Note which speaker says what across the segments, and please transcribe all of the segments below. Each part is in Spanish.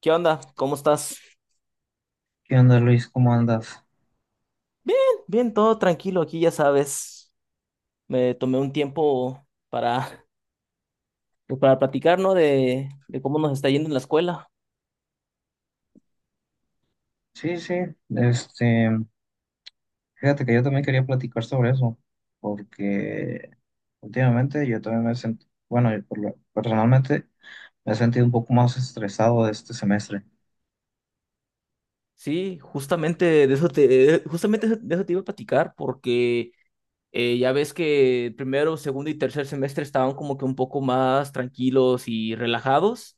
Speaker 1: ¿Qué onda? ¿Cómo estás?
Speaker 2: ¿Qué onda, Luis? ¿Cómo andas?
Speaker 1: Bien, bien, todo tranquilo aquí, ya sabes. Me tomé un tiempo para platicar, ¿no? De cómo nos está yendo en la escuela.
Speaker 2: Sí, sí, este, fíjate que yo también quería platicar sobre eso, porque últimamente yo también me sentí, bueno, personalmente me he sentido un poco más estresado de este semestre.
Speaker 1: Sí, justamente de eso te iba a platicar, porque ya ves que primero, segundo y tercer semestre estaban como que un poco más tranquilos y relajados.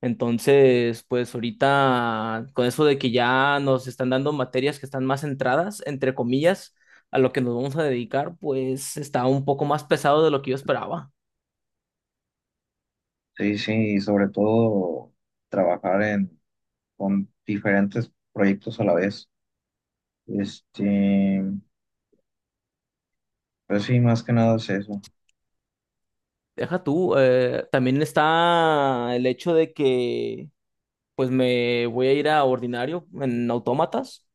Speaker 1: Entonces, pues ahorita con eso de que ya nos están dando materias que están más centradas, entre comillas, a lo que nos vamos a dedicar, pues está un poco más pesado de lo que yo esperaba.
Speaker 2: Sí, sí, y sobre todo trabajar en, con diferentes proyectos a la vez. Este, pues sí, más que nada es eso.
Speaker 1: Deja tú, también está el hecho de que pues me voy a ir a ordinario en autómatas,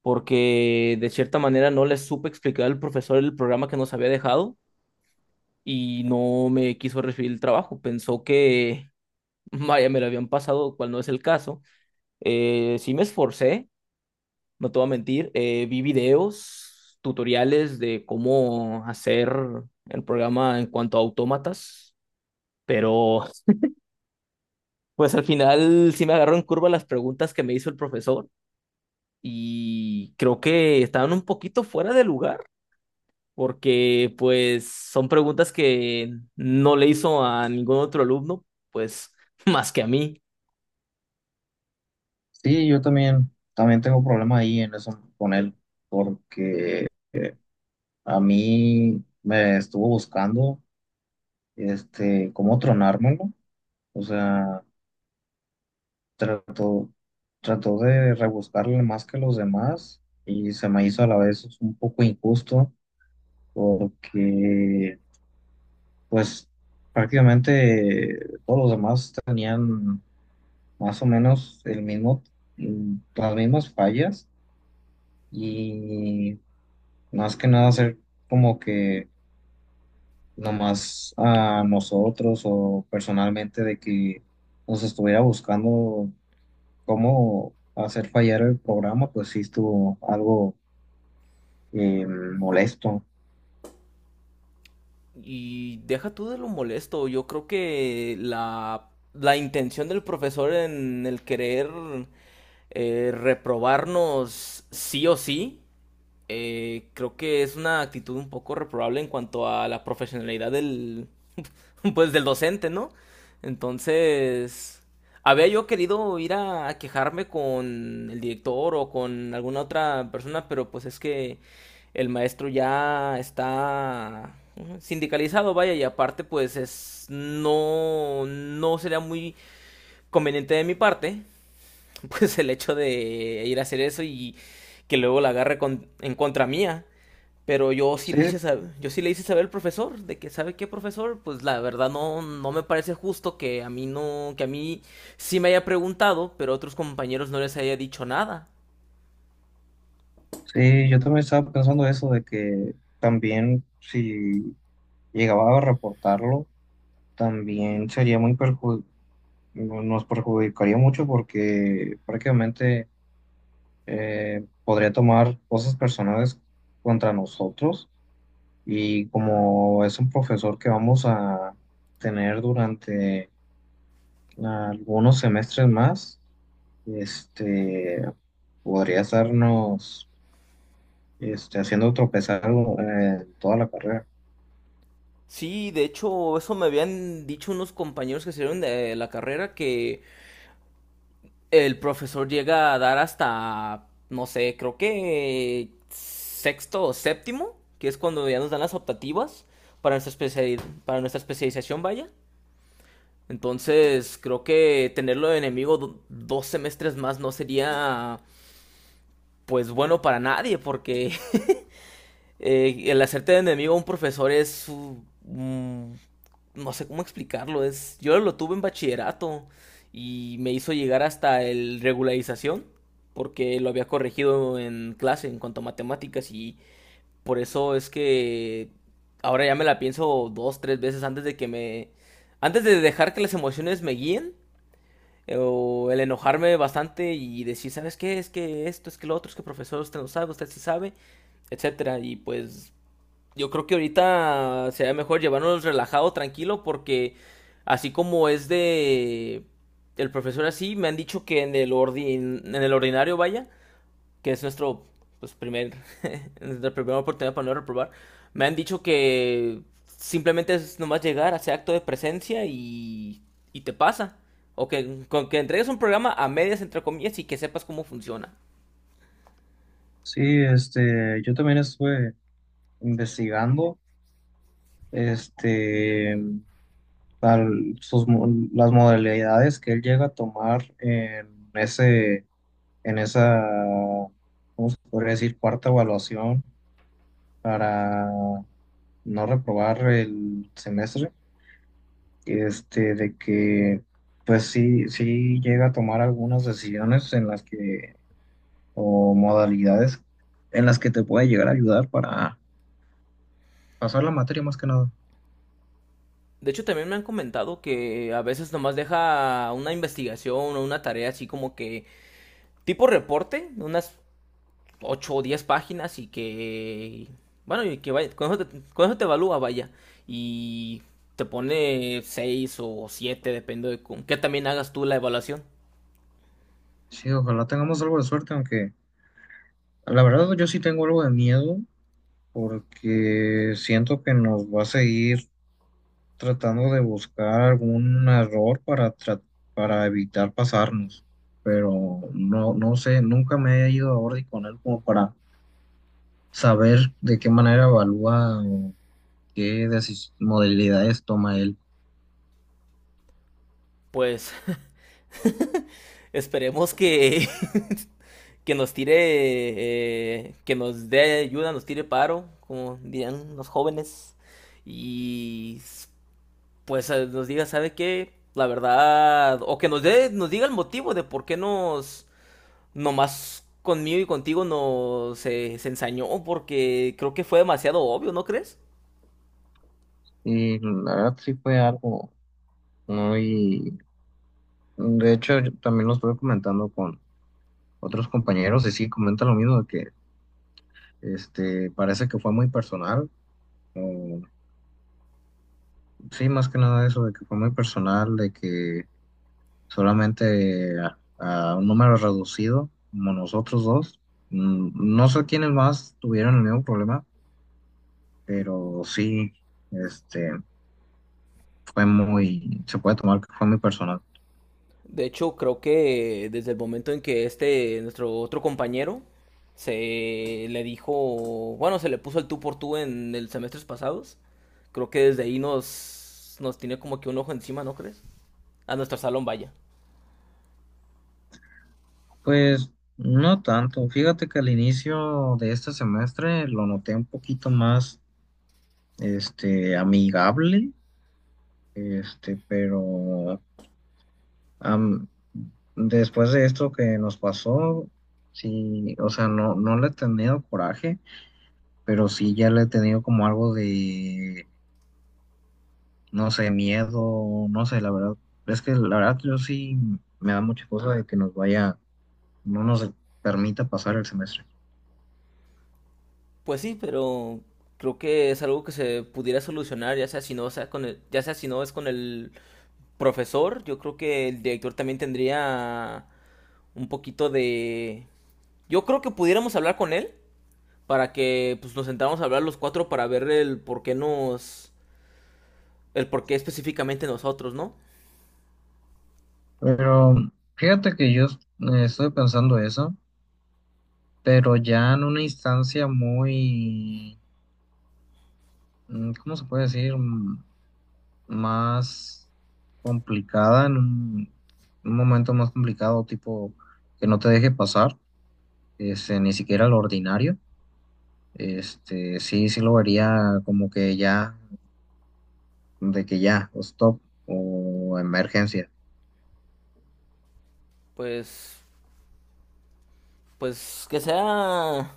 Speaker 1: porque de cierta manera no les supe explicar al profesor el programa que nos había dejado y no me quiso recibir el trabajo. Pensó que, vaya, me lo habían pasado, cual no es el caso. Sí me esforcé, no te voy a mentir. Vi videos, tutoriales de cómo hacer el programa en cuanto a autómatas, pero pues al final sí me agarró en curva las preguntas que me hizo el profesor y creo que estaban un poquito fuera de lugar porque pues son preguntas que no le hizo a ningún otro alumno, pues más que a mí.
Speaker 2: Sí, yo también, tengo problema ahí en eso con él, porque a mí me estuvo buscando, cómo tronármelo. O sea, trató, trató de rebuscarle más que los demás y se me hizo a la vez un poco injusto porque, pues, prácticamente todos los demás tenían más o menos el mismo, las mismas fallas y más que nada hacer como que nomás a nosotros o personalmente de que nos estuviera buscando cómo hacer fallar el programa, pues sí estuvo algo molesto.
Speaker 1: Y deja tú de lo molesto. Yo creo que la intención del profesor en el querer reprobarnos sí o sí, creo que es una actitud un poco reprobable en cuanto a la profesionalidad del, pues del docente, ¿no? Entonces, había yo querido ir a quejarme con el director o con alguna otra persona, pero pues es que el maestro ya está sindicalizado, vaya, y aparte pues es no sería muy conveniente de mi parte, pues el hecho de ir a hacer eso y que luego la agarre en contra mía. Pero yo sí
Speaker 2: Sí,
Speaker 1: le hice saber, yo sí le hice saber al profesor de que sabe qué profesor, pues la verdad no me parece justo que a mí no que a mí sí me haya preguntado, pero a otros compañeros no les haya dicho nada.
Speaker 2: sí, yo también estaba pensando eso de que también si llegaba a reportarlo, también sería no, nos perjudicaría mucho porque prácticamente podría tomar cosas personales contra nosotros. Y como es un profesor que vamos a tener durante algunos semestres más, este, podría estarnos haciendo tropezar toda la carrera.
Speaker 1: Sí, de hecho, eso me habían dicho unos compañeros que salieron de la carrera que el profesor llega a dar hasta no sé, creo que sexto o séptimo, que es cuando ya nos dan las optativas para nuestra especialización, vaya. Entonces, creo que tenerlo de enemigo dos semestres más no sería, pues, bueno para nadie, porque el hacerte de enemigo a un profesor es, no sé cómo explicarlo, es... Yo lo tuve en bachillerato y me hizo llegar hasta el regularización, porque lo había corregido en clase en cuanto a matemáticas y por eso es que ahora ya me la pienso dos, tres veces antes de que me... Antes de dejar que las emociones me guíen o el enojarme bastante y decir, ¿sabes qué? Es que esto, es que lo otro, es que profesor, usted no sabe, usted sí sabe, etcétera. Y pues yo creo que ahorita sería mejor llevarnos relajado, tranquilo, porque así como es de el profesor así, me han dicho que en el ordinario, vaya, que es nuestro pues, nuestra primera oportunidad para no reprobar, me han dicho que simplemente es nomás llegar, hacer acto de presencia y te pasa. O que, con que entregues un programa a medias, entre comillas, y que sepas cómo funciona.
Speaker 2: Sí, yo también estuve investigando este, al- sus mo- las modalidades que él llega a tomar en ese, en esa, ¿cómo se podría decir? Cuarta evaluación para no reprobar el semestre, de que pues sí, sí llega a tomar algunas decisiones en las que, o modalidades en las que te puede llegar a ayudar para pasar la materia más que nada.
Speaker 1: De hecho, también me han comentado que a veces nomás deja una investigación o una tarea así como que tipo reporte, unas 8 o 10 páginas y que... Bueno, y que vaya, con eso te evalúa, vaya. Y te pone 6 o 7 depende de con qué también hagas tú la evaluación.
Speaker 2: Sí, ojalá tengamos algo de suerte, aunque la verdad yo sí tengo algo de miedo porque siento que nos va a seguir tratando de buscar algún error para, para evitar pasarnos, pero no, no sé, nunca me he ido a Ordi con él como para saber de qué manera evalúa o qué modalidades toma él.
Speaker 1: Pues esperemos que, que nos tire, que nos dé ayuda, nos tire paro, como dirían los jóvenes. Y pues nos diga, ¿sabe qué? La verdad, o que nos dé, nos diga el motivo de por qué nos nomás conmigo y contigo no se, se ensañó porque creo que fue demasiado obvio, ¿no crees?
Speaker 2: Y la verdad sí fue algo muy. De hecho, yo también lo estuve comentando con otros compañeros y sí, comentan lo mismo de que parece que fue muy personal. o- sí, más que nada eso de que fue muy personal, de que solamente a un número reducido, como nosotros dos. No sé quiénes más tuvieron el mismo problema, pero sí, este, fue muy, se puede tomar que fue muy personal.
Speaker 1: De hecho, creo que desde el momento en que este, nuestro otro compañero, se le dijo, bueno, se le puso el tú por tú en el semestres pasados, creo que desde ahí nos tiene como que un ojo encima, ¿no crees? A nuestro salón vaya.
Speaker 2: Pues no tanto, fíjate que al inicio de este semestre lo noté un poquito más, amigable, pero... am- Después de esto que nos pasó, sí, o sea, no, no le he tenido coraje, pero sí ya le he tenido como algo de, no sé, miedo, no sé, la verdad, es que la verdad yo sí me da mucha cosa de que nos vaya, no nos permita pasar el semestre.
Speaker 1: Pues sí, pero creo que es algo que se pudiera solucionar, ya sea si no es con el profesor, yo creo que el director también tendría un poquito de... Yo creo que pudiéramos hablar con él para que pues, nos sentáramos a hablar los cuatro para ver el por qué nos... el por qué específicamente nosotros, ¿no?
Speaker 2: Pero fíjate que yo estoy pensando eso, pero ya en una instancia muy, ¿cómo se puede decir? Más complicada, en un momento más complicado, tipo que no te deje pasar, ni siquiera lo ordinario. Sí, sí lo vería como que ya, de que ya, o stop, o emergencia.
Speaker 1: Pues... pues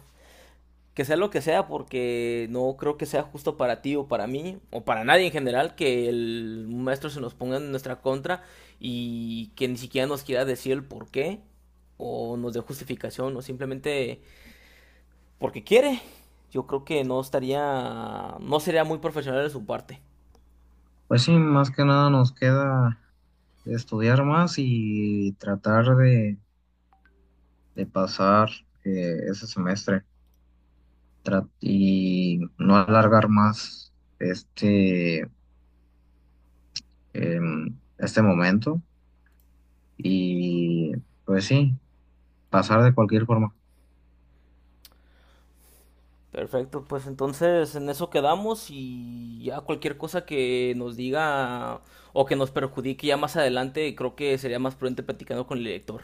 Speaker 1: que sea lo que sea porque no creo que sea justo para ti o para mí o para nadie en general que el maestro se nos ponga en nuestra contra y que ni siquiera nos quiera decir el por qué o nos dé justificación o simplemente porque quiere. Yo creo que no estaría, no sería muy profesional de su parte.
Speaker 2: Pues sí, más que nada nos queda estudiar más y tratar de pasar ese semestre y no alargar más este, este momento y pues sí, pasar de cualquier forma.
Speaker 1: Perfecto, pues entonces en eso quedamos y ya cualquier cosa que nos diga o que nos perjudique ya más adelante, creo que sería más prudente platicando con el director.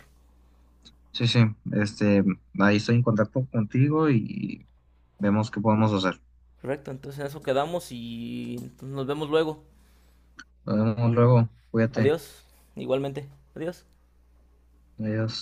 Speaker 2: Sí, sí, este, ahí estoy en contacto contigo y vemos qué podemos hacer.
Speaker 1: Correcto, entonces en eso quedamos y nos vemos luego.
Speaker 2: Nos vemos luego. Cuídate.
Speaker 1: Adiós, igualmente. Adiós.
Speaker 2: Adiós.